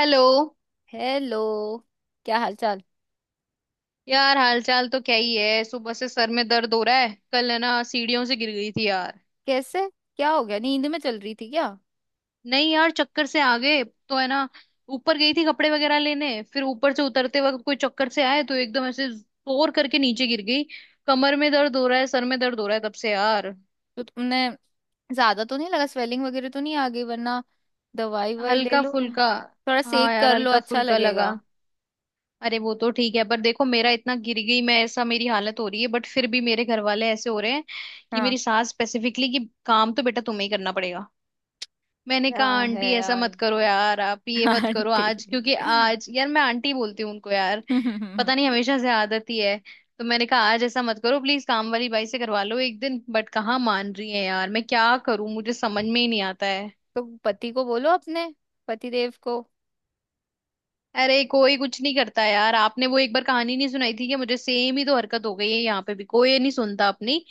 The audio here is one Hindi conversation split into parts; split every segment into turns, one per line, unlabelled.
हेलो।
हेलो। क्या हाल चाल?
यार, हालचाल तो क्या ही है। सुबह से सर में दर्द हो रहा है। कल है ना, सीढ़ियों से गिर गई थी यार।
कैसे? क्या हो गया, नींद में चल रही थी क्या?
नहीं यार, चक्कर से आ गए। तो है ना, ऊपर गई थी कपड़े वगैरह लेने, फिर ऊपर से उतरते वक्त कोई चक्कर से आए तो एकदम ऐसे जोर करके नीचे गिर गई। कमर में दर्द हो रहा है, सर में दर्द हो रहा है तब से यार।
तो तुमने ज्यादा तो नहीं लगा, स्वेलिंग वगैरह तो नहीं आ गई? वरना दवाई ववाई ले
हल्का
लो,
फुल्का।
थोड़ा
हाँ
सेक
यार,
कर लो,
हल्का
अच्छा
फुल्का लगा।
लगेगा।
अरे, वो तो ठीक है, पर देखो मेरा इतना गिर गई मैं, ऐसा मेरी हालत हो रही है, बट फिर भी मेरे घर वाले ऐसे हो रहे हैं कि
हाँ,
मेरी सास स्पेसिफिकली, कि काम तो बेटा तुम्हें ही करना पड़ेगा। मैंने
क्या
कहा
है
आंटी ऐसा
यार
मत करो यार, आप ये मत करो आज,
आंटी
क्योंकि आज यार, मैं आंटी बोलती हूँ उनको यार,
तो
पता नहीं हमेशा से आदत ही है। तो मैंने कहा आज ऐसा मत करो, प्लीज काम वाली बाई से करवा लो एक दिन, बट कहाँ मान रही है यार। मैं क्या करूं, मुझे समझ में ही नहीं आता है।
पति को बोलो अपने, पति देव को।
अरे, कोई कुछ नहीं करता यार। आपने वो एक बार कहानी नहीं सुनाई थी, कि मुझे सेम ही तो हरकत हो गई है, यहाँ पे भी कोई ये नहीं सुनता अपनी।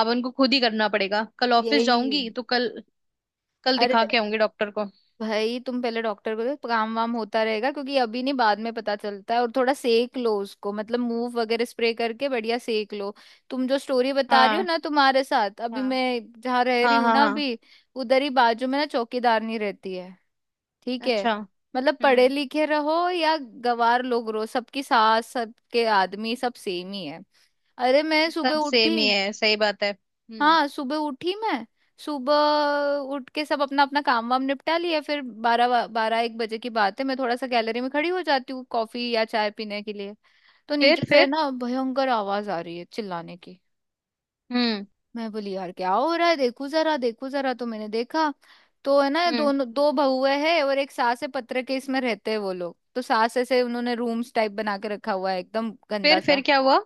अब उनको खुद ही करना पड़ेगा। कल ऑफिस
यही,
जाऊंगी, तो कल, कल
अरे
दिखा के आऊंगी डॉक्टर को।
भाई तुम पहले डॉक्टर को देखो, काम वाम होता रहेगा क्योंकि अभी नहीं बाद में पता चलता है, और थोड़ा सेक लो उसको, मतलब मूव वगैरह स्प्रे करके बढ़िया सेक लो। तुम जो स्टोरी बता रही हो
हाँ,
ना, तुम्हारे साथ, अभी
हाँ,
मैं जहाँ रह रही
हाँ,
हूँ
हाँ,
ना,
हाँ,
अभी उधर ही बाजू में ना चौकीदारनी रहती है, ठीक है।
अच्छा।
मतलब पढ़े
हम्म।
लिखे रहो या गवार लोग रहो, सबकी सास सबके आदमी सब सेम ही है। अरे मैं सुबह
सब सेम
उठी,
ही है, सही बात है। हम्म।
हाँ सुबह उठी मैं। सुबह उठ के सब अपना अपना काम वाम निपटा लिया, फिर बारह बारह एक बजे की बात है, मैं थोड़ा सा गैलरी में खड़ी हो जाती हूँ कॉफी या चाय पीने के लिए। तो
फिर?
नीचे से
फिर?
ना भयंकर आवाज आ रही है चिल्लाने की।
हम्म।
मैं बोली यार क्या हो रहा है, देखू जरा, देखू जरा, तो मैंने देखा। तो है ना,
हम्म।
दोनों दो बहुए हैं और एक सास है, पत्र के इसमें रहते हैं वो लोग, तो सास ऐसे, उन्होंने रूम्स टाइप बना के रखा हुआ है एकदम गंदा
फिर
सा।
क्या हुआ?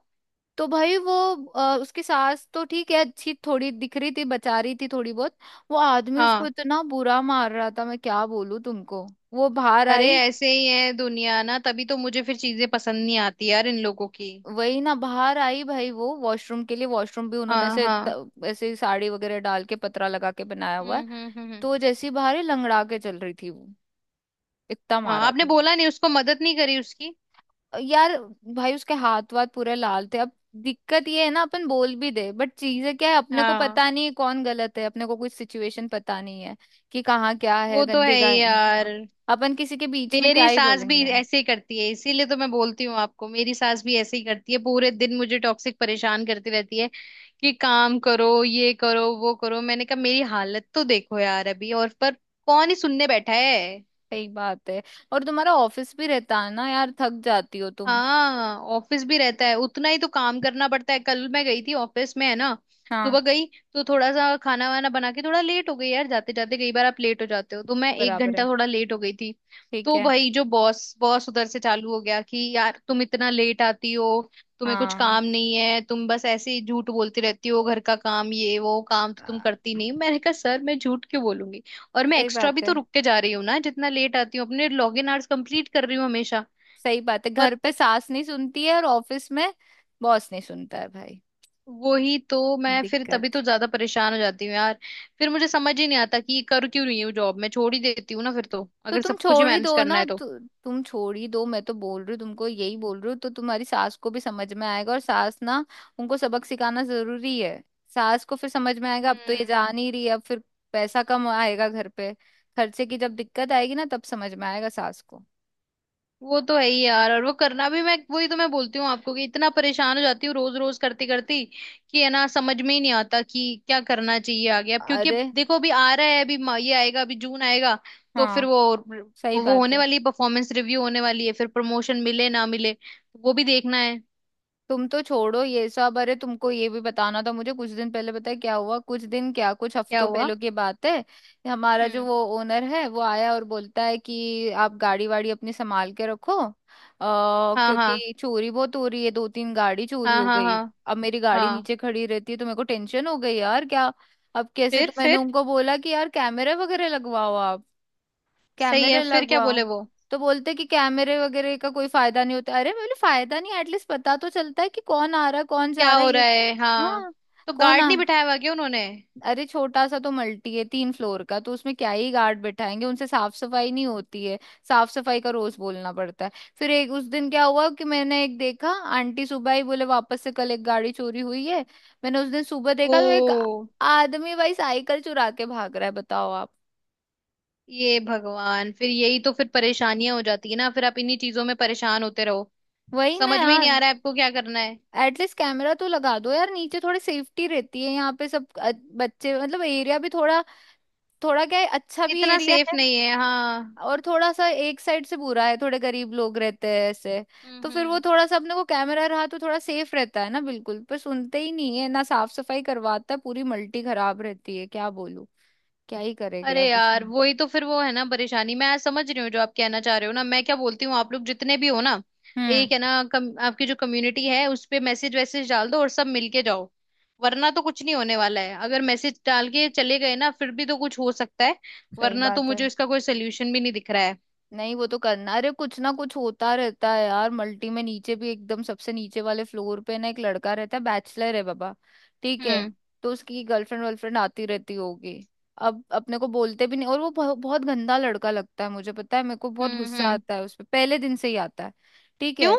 तो भाई वो, उसकी सास तो ठीक है, अच्छी थोड़ी दिख रही थी, बचा रही थी थोड़ी बहुत। वो आदमी उसको
हाँ।
इतना बुरा मार रहा था, मैं क्या बोलूं तुमको। वो बाहर
अरे,
आई।
ऐसे ही है दुनिया ना, तभी तो मुझे फिर चीजें पसंद नहीं आती यार इन लोगों की।
वही ना, बाहर आई भाई वो वॉशरूम के लिए, वॉशरूम भी उन्होंने
हाँ,
ऐसे
हाँ।
ऐसे ही साड़ी वगैरह डाल के पतरा लगा के बनाया हुआ
हम्म,
है।
हम्म, हम्म,
तो वो जैसी बाहर ही लंगड़ा के चल रही थी वो, इतना
हाँ,
मारा
आपने
था।
बोला नहीं उसको, मदद नहीं करी उसकी?
यार भाई, उसके हाथ वाथ पूरे लाल थे। अब दिक्कत ये है ना, अपन बोल भी दे, बट चीजें क्या है, अपने को
हाँ।
पता नहीं है कौन गलत है, अपने को कोई सिचुएशन पता नहीं है कि कहाँ क्या है
वो तो है
गंदी का,
ही यार।
हाँ। अपन किसी के बीच में क्या
मेरी
ही
सास भी
बोलेंगे।
ऐसे ही करती है, इसीलिए तो मैं बोलती हूँ आपको। मेरी सास भी ऐसे ही करती है, पूरे दिन मुझे टॉक्सिक परेशान करती रहती है, कि काम करो, ये करो, वो करो। मैंने कहा मेरी हालत तो देखो यार अभी, और पर कौन ही सुनने बैठा है।
सही बात है। और तुम्हारा ऑफिस भी रहता है ना यार, थक जाती हो तुम।
हाँ, ऑफिस भी रहता है, उतना ही तो काम करना पड़ता है। कल मैं गई थी ऑफिस में है ना,
हाँ,
सुबह गई। तो थोड़ा सा खाना वाना बना के थोड़ा लेट हो गई यार, जाते जाते कई बार आप लेट हो जाते हो, तो मैं एक
बराबर
घंटा
है,
थोड़ा लेट हो गई थी।
ठीक
तो
है।
भाई जो बॉस बॉस उधर से चालू हो गया, कि यार तुम इतना लेट आती हो, तुम्हें कुछ
हाँ,
काम नहीं है, तुम बस ऐसे ही झूठ बोलती रहती हो, घर का काम, ये वो काम तो तुम
हाँ,
करती नहीं। मैंने कहा सर मैं झूठ क्यों बोलूंगी, और मैं
सही
एक्स्ट्रा
बात
भी
है।
तो रुक के जा रही हूँ ना, जितना लेट आती हूँ अपने लॉगिन आवर्स कंप्लीट कर रही हूँ हमेशा।
सही बात है, घर पे सास नहीं सुनती है और ऑफिस में बॉस नहीं सुनता है भाई।
वही तो मैं, फिर तभी
दिक्कत,
तो ज्यादा परेशान हो जाती हूँ यार। फिर मुझे समझ ही नहीं आता कि कर क्यों रही हूँ जॉब। मैं छोड़ ही देती हूँ ना फिर तो,
तो
अगर
तुम
सब कुछ ही
छोड़ ही
मैनेज
दो
करना
ना,
है तो।
तुम छोड़ ही दो, मैं तो बोल रही हूँ तुमको, यही बोल रही हूँ, तो तुम्हारी सास को भी समझ में आएगा। और सास ना, उनको सबक सिखाना जरूरी है। सास को फिर समझ में आएगा, अब तो ये
हम्म।
जा नहीं रही है, अब फिर पैसा कम आएगा घर पे। खर्चे की जब दिक्कत आएगी ना, तब समझ में आएगा सास को।
वो तो है ही यार। और वो करना भी, मैं वही तो मैं बोलती हूँ आपको, कि इतना परेशान हो जाती हूँ रोज रोज करती करती, कि है ना समझ में ही नहीं आता कि क्या करना चाहिए आगे। अब क्योंकि अब
अरे,
देखो अभी आ रहा है, अभी ये आएगा, अभी जून आएगा। तो फिर
हाँ,
वो
सही
वो
बात
होने
है।
वाली परफॉर्मेंस रिव्यू होने वाली है, फिर प्रमोशन मिले ना मिले, वो भी देखना है।
तुम तो छोड़ो ये सब। अरे तुमको ये भी बताना था मुझे, कुछ दिन पहले, पता है क्या हुआ? कुछ दिन क्या, कुछ
क्या
हफ्तों
हुआ?
पहले की बात है। हमारा जो
हम्म।
वो ओनर है वो आया और बोलता है कि आप गाड़ी वाड़ी अपनी संभाल के रखो,
हाँ, हाँ,
क्योंकि चोरी बहुत हो रही है, दो तीन गाड़ी चोरी
हाँ।
हो
हाँ,
गई।
हाँ,
अब मेरी गाड़ी
हाँ।
नीचे खड़ी रहती है, तो मेरे को टेंशन हो गई यार, क्या अब कैसे।
फिर?
तो मैंने
फिर?
उनको बोला कि यार कैमरे वगैरह लगवाओ आप,
सही है,
कैमरे
फिर क्या
लगवाओ।
बोले वो?
तो बोलते कि कैमरे वगैरह का कोई फायदा नहीं होता। अरे मैं बोली फायदा नहीं, एटलीस्ट पता तो चलता है कि कौन आ रहा है कौन जा
क्या
रहा
हो
है, ये।
रहा है, हाँ।
हाँ,
तो
कौन
गार्ड
आ,
नहीं बिठाया हुआ क्या उन्होंने?
अरे छोटा सा तो मल्टी है, तीन फ्लोर का, तो उसमें क्या ही गार्ड बैठाएंगे, उनसे साफ सफाई नहीं होती है, साफ सफाई का रोज बोलना पड़ता है। फिर एक उस दिन क्या हुआ कि मैंने एक देखा, आंटी सुबह ही बोले वापस से कल एक गाड़ी चोरी हुई है। मैंने उस दिन सुबह देखा तो एक
ओ,
आदमी भाई साइकिल चुरा के भाग रहा है, बताओ आप।
ये भगवान। फिर यही तो, फिर परेशानियां हो जाती है ना, फिर आप इन्हीं चीजों में परेशान होते रहो।
वही ना
समझ में ही नहीं
यार,
आ रहा है आपको क्या करना है।
एटलीस्ट कैमरा तो लगा दो यार, नीचे थोड़ी सेफ्टी रहती है। यहाँ पे सब बच्चे, मतलब एरिया भी थोड़ा, थोड़ा क्या है, अच्छा भी
इतना
एरिया
सेफ
है,
नहीं है, हाँ।
और थोड़ा सा एक साइड से बुरा है, थोड़े गरीब लोग रहते हैं ऐसे। तो
हम्म,
फिर वो
हम्म।
थोड़ा सा अपने को कैमरा रहा तो थोड़ा सेफ रहता है ना, बिल्कुल, पर सुनते ही नहीं है ना। साफ सफाई करवाता है, पूरी मल्टी खराब रहती है, क्या बोलूं, क्या ही करेंगे
अरे
अब
यार,
इसमें।
वही तो फिर वो है ना परेशानी। मैं समझ रही हूँ जो आप कहना चाह रहे हो ना। मैं क्या बोलती हूँ, आप लोग जितने भी हो ना,
हम्म,
एक है ना आपकी जो कम्युनिटी है उस पे मैसेज वैसेज डाल दो, और सब मिलके जाओ। वरना तो कुछ नहीं होने वाला है। अगर मैसेज डाल के चले गए ना, फिर भी तो कुछ हो सकता है।
सही
वरना तो
बात है।
मुझे इसका कोई सोल्यूशन भी नहीं दिख रहा है।
नहीं वो तो करना। अरे कुछ ना कुछ होता रहता है यार, मल्टी में नीचे भी, एकदम सबसे नीचे वाले फ्लोर पे ना एक लड़का रहता है, बैचलर है बाबा, ठीक है।
हम्म,
तो उसकी गर्लफ्रेंड वर्लफ्रेंड आती रहती होगी, अब अपने को बोलते भी नहीं, और वो बहुत गंदा लड़का लगता है, मुझे पता है, मेरे को बहुत
हम्म,
गुस्सा
हम्म।
आता है उस पे, पहले दिन से ही आता है, ठीक है।
क्यों?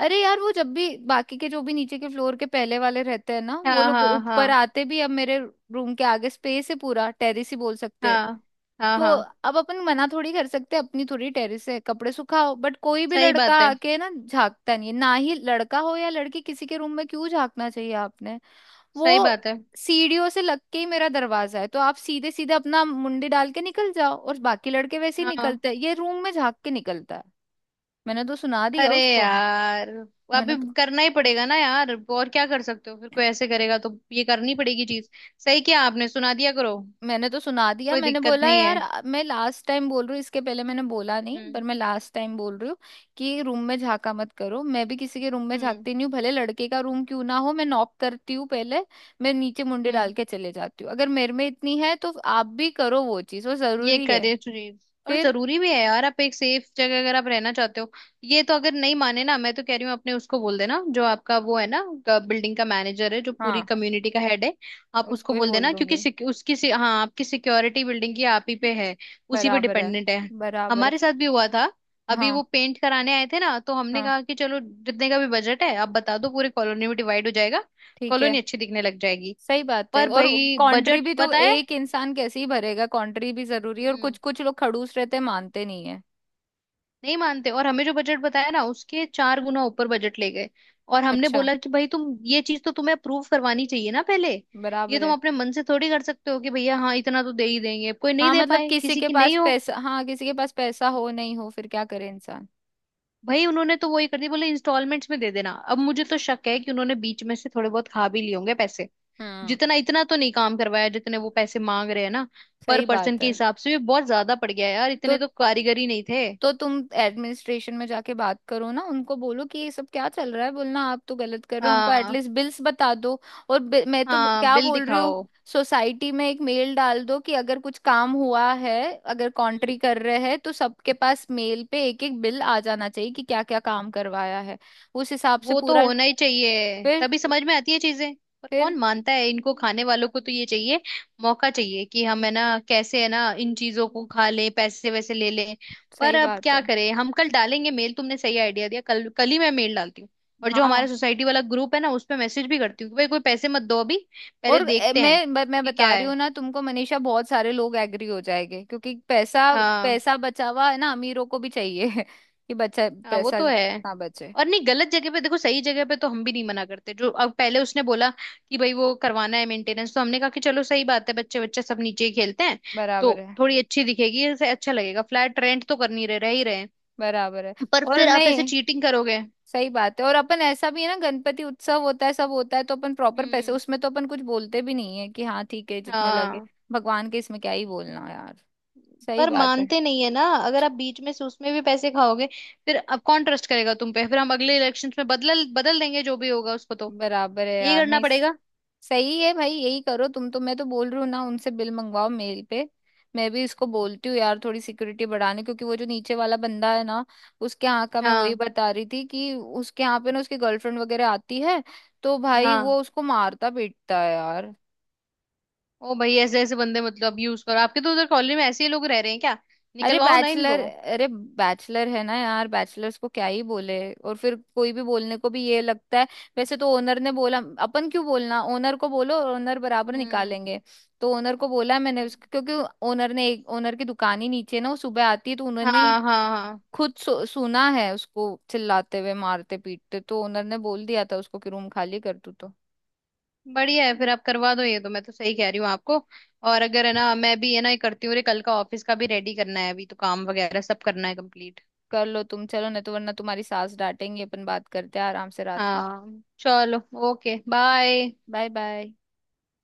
अरे यार वो जब भी, बाकी के जो भी नीचे के फ्लोर के पहले वाले रहते हैं ना, वो
हाँ,
लोग
हाँ,
ऊपर
हाँ।
आते भी, अब मेरे रूम के आगे स्पेस है, पूरा टेरेस ही बोल सकते हैं।
हाँ, हाँ,
तो
हाँ।
अब अपन मना थोड़ी कर सकते, अपनी थोड़ी टेरिस है, कपड़े सुखाओ, बट कोई भी
सही
लड़का
बात है,
आके ना झांकता नहीं है। ना ही लड़का हो या लड़की, किसी के रूम में क्यों झांकना चाहिए आपने? वो
सही बात है।
सीढ़ियों से लग के ही मेरा दरवाजा है, तो आप सीधे सीधे अपना मुंडी डाल के निकल जाओ, और बाकी लड़के वैसे ही
हाँ।
निकलते हैं, ये रूम में झांक के निकलता है। मैंने तो सुना दिया
अरे
उसको।
यार,
मैंने
अभी
तो
करना ही पड़ेगा ना यार, और क्या कर सकते हो। फिर कोई ऐसे करेगा, तो ये करनी पड़ेगी चीज। सही किया आपने, सुना दिया करो।
मैंने तो सुना दिया,
कोई
मैंने
दिक्कत
बोला
नहीं
यार
है।
मैं लास्ट टाइम बोल रही हूँ, इसके पहले मैंने बोला नहीं,
हम्म,
पर मैं लास्ट टाइम बोल रही हूँ कि रूम में झांका मत करो। मैं भी किसी के रूम में
हम्म,
झांकती नहीं हूँ, भले लड़के का रूम क्यों ना हो, मैं नॉक करती हूँ पहले। मैं नीचे मुंडे डाल
हम्म।
के चले जाती हूँ, अगर मेरे में इतनी है तो आप भी करो वो चीज, वो
ये
जरूरी है।
करें चीज। और
फिर
जरूरी भी है यार, आप एक सेफ जगह अगर आप रहना चाहते हो। ये तो अगर नहीं माने ना, मैं तो कह रही हूँ, अपने उसको बोल देना जो आपका वो है ना, बिल्डिंग का मैनेजर है, जो पूरी
हाँ,
कम्युनिटी का हेड है। आप
उसको
उसको
ही
बोल
बोल
देना, क्योंकि
दूंगी।
हाँ, आपकी सिक्योरिटी बिल्डिंग की आप ही पे है, उसी पे
बराबर है,
डिपेंडेंट है।
बराबर
हमारे
है।
साथ भी हुआ था। अभी
हाँ,
वो पेंट कराने आए थे ना, तो हमने
हाँ,
कहा कि चलो जितने का भी बजट है आप बता दो, पूरे कॉलोनी में डिवाइड हो जाएगा,
ठीक है,
कॉलोनी अच्छी दिखने लग जाएगी।
सही बात है।
पर
और
भाई
कॉन्ट्री
बजट
भी तो
बताया,
एक इंसान कैसे ही भरेगा, कॉन्ट्री भी जरूरी है, और कुछ कुछ लोग खड़ूस रहते हैं, मानते नहीं है।
नहीं मानते। और हमें जो बजट बताया ना, उसके 4 गुना ऊपर बजट ले गए। और हमने
अच्छा,
बोला कि भाई तुम ये चीज तो तुम्हें अप्रूव करवानी चाहिए ना पहले। ये
बराबर
तुम
है।
अपने मन से थोड़ी कर सकते हो कि भैया हाँ इतना तो दे ही देंगे, कोई नहीं
हाँ
दे
मतलब
पाए,
किसी
किसी
के
की
पास
नहीं हो।
पैसा, हाँ किसी के पास पैसा हो नहीं हो, फिर क्या करे इंसान।
भाई उन्होंने तो वही कर दिया, बोले इंस्टॉलमेंट्स में दे देना। अब मुझे तो शक है कि उन्होंने बीच में से थोड़े बहुत खा भी लिए होंगे पैसे,
हम्म,
जितना इतना तो नहीं काम करवाया जितने वो पैसे मांग रहे हैं ना। पर
सही
पर्सन
बात
के
है।
हिसाब से भी बहुत ज्यादा पड़ गया यार,
तो
इतने तो कारीगर ही नहीं थे।
तो तुम एडमिनिस्ट्रेशन में जाके बात करो ना, उनको बोलो कि ये सब क्या चल रहा है, बोलना आप तो गलत कर रहे हो हमको,
हाँ,
एटलीस्ट बिल्स बता दो। और मैं तो
हाँ,
क्या
बिल
बोल रही हूँ,
दिखाओ।
सोसाइटी में एक मेल डाल दो कि अगर कुछ काम हुआ है, अगर
हम्म,
कॉन्ट्री कर रहे हैं तो सबके पास मेल पे एक एक बिल आ जाना चाहिए कि क्या क्या काम करवाया है, उस हिसाब से
वो तो
पूरा।
होना ही चाहिए,
फिर,
तभी समझ में आती है चीजें। पर कौन
फिर
मानता है? इनको खाने वालों को तो ये चाहिए, मौका चाहिए, कि हम है ना कैसे है ना इन चीजों को खा लें, पैसे वैसे ले लें। पर
सही
अब
बात है।
क्या करें, हम कल डालेंगे मेल। तुमने सही आइडिया दिया, कल कल ही मैं मेल डालती हूँ। और जो हमारा
हाँ
सोसाइटी वाला ग्रुप है ना, उस पे मैसेज भी करती हूँ कि भाई कोई पैसे मत दो अभी, पहले
और
देखते हैं
मैं मैं
कि क्या
बता रही हूँ
है।
ना तुमको मनीषा, बहुत सारे लोग एग्री हो जाएंगे, क्योंकि पैसा,
हाँ,
पैसा बचा हुआ है ना, अमीरों को भी चाहिए कि बच्चा
हाँ। वो
पैसा
तो है।
ना बचे।
और नहीं, गलत जगह पे देखो, सही जगह पे तो हम भी नहीं मना करते। जो अब पहले उसने बोला कि भाई वो करवाना है मेंटेनेंस, तो हमने कहा कि चलो सही बात है, बच्चे बच्चे सब नीचे ही खेलते हैं,
बराबर
तो
है,
थोड़ी अच्छी दिखेगी ऐसे, अच्छा लगेगा। फ्लैट रेंट तो कर नहीं रहे, रह ही रहे हैं।
बराबर है।
पर
और
फिर आप ऐसे
नहीं,
चीटिंग करोगे?
सही बात है। और अपन ऐसा भी है ना, गणपति उत्सव होता है, सब होता है, तो अपन प्रॉपर पैसे,
हम्म।
उसमें तो अपन कुछ बोलते भी नहीं है कि हाँ ठीक है जितने लगे,
हाँ।
भगवान के इसमें क्या ही बोलना यार। सही
पर
बात है।
मानते नहीं है ना, अगर आप बीच में से उसमें भी पैसे खाओगे। फिर अब कौन ट्रस्ट करेगा तुम पे? फिर हम अगले इलेक्शंस में बदल बदल देंगे, जो भी होगा उसको तो।
बराबर है
यही
यार,
करना
नहीं
पड़ेगा।
सही है भाई, यही करो तुम तो। मैं तो बोल रही हूँ ना उनसे बिल मंगवाओ मेल पे। मैं भी इसको बोलती हूँ यार थोड़ी सिक्योरिटी बढ़ाने, क्योंकि वो जो नीचे वाला बंदा है ना, उसके यहाँ का मैं वही
हाँ,
बता रही थी, कि उसके यहाँ पे ना उसकी गर्लफ्रेंड वगैरह आती है, तो भाई वो
हाँ।
उसको मारता पीटता है यार।
ओ भाई, ऐसे ऐसे बंदे मतलब यूज करो, आपके तो उधर कॉलोनी में ऐसे ही लोग रह रहे हैं क्या?
अरे
निकलवाओ ना
बैचलर,
इनको।
अरे बैचलर है ना यार, बैचलर्स को क्या ही बोले, और फिर कोई भी बोलने को भी ये लगता है वैसे, तो ओनर ने बोला, अपन क्यों बोलना, ओनर को बोलो और ओनर बराबर
हम्म।
निकालेंगे। तो ओनर को बोला मैंने उसको, क्योंकि ओनर ने एक, ओनर की दुकान ही नीचे है ना, वो सुबह आती है, तो
हाँ,
उन्होंने ही
हाँ, हाँ।
खुद सुना है उसको चिल्लाते हुए मारते पीटते, तो ओनर ने बोल दिया था उसको कि रूम खाली कर तू तो।
बढ़िया है, फिर आप करवा दो ये, तो मैं तो सही कह रही हूँ आपको। और अगर है ना, मैं भी है ना ये करती हूँ, अरे कल का ऑफिस का भी रेडी करना है अभी, तो काम वगैरह सब करना है कंप्लीट।
कर लो तुम चलो, नहीं तो वरना तुम्हारी सास डांटेंगी, अपन बात करते हैं आराम से रात में।
हाँ चलो। Okay, bye.
Bye bye.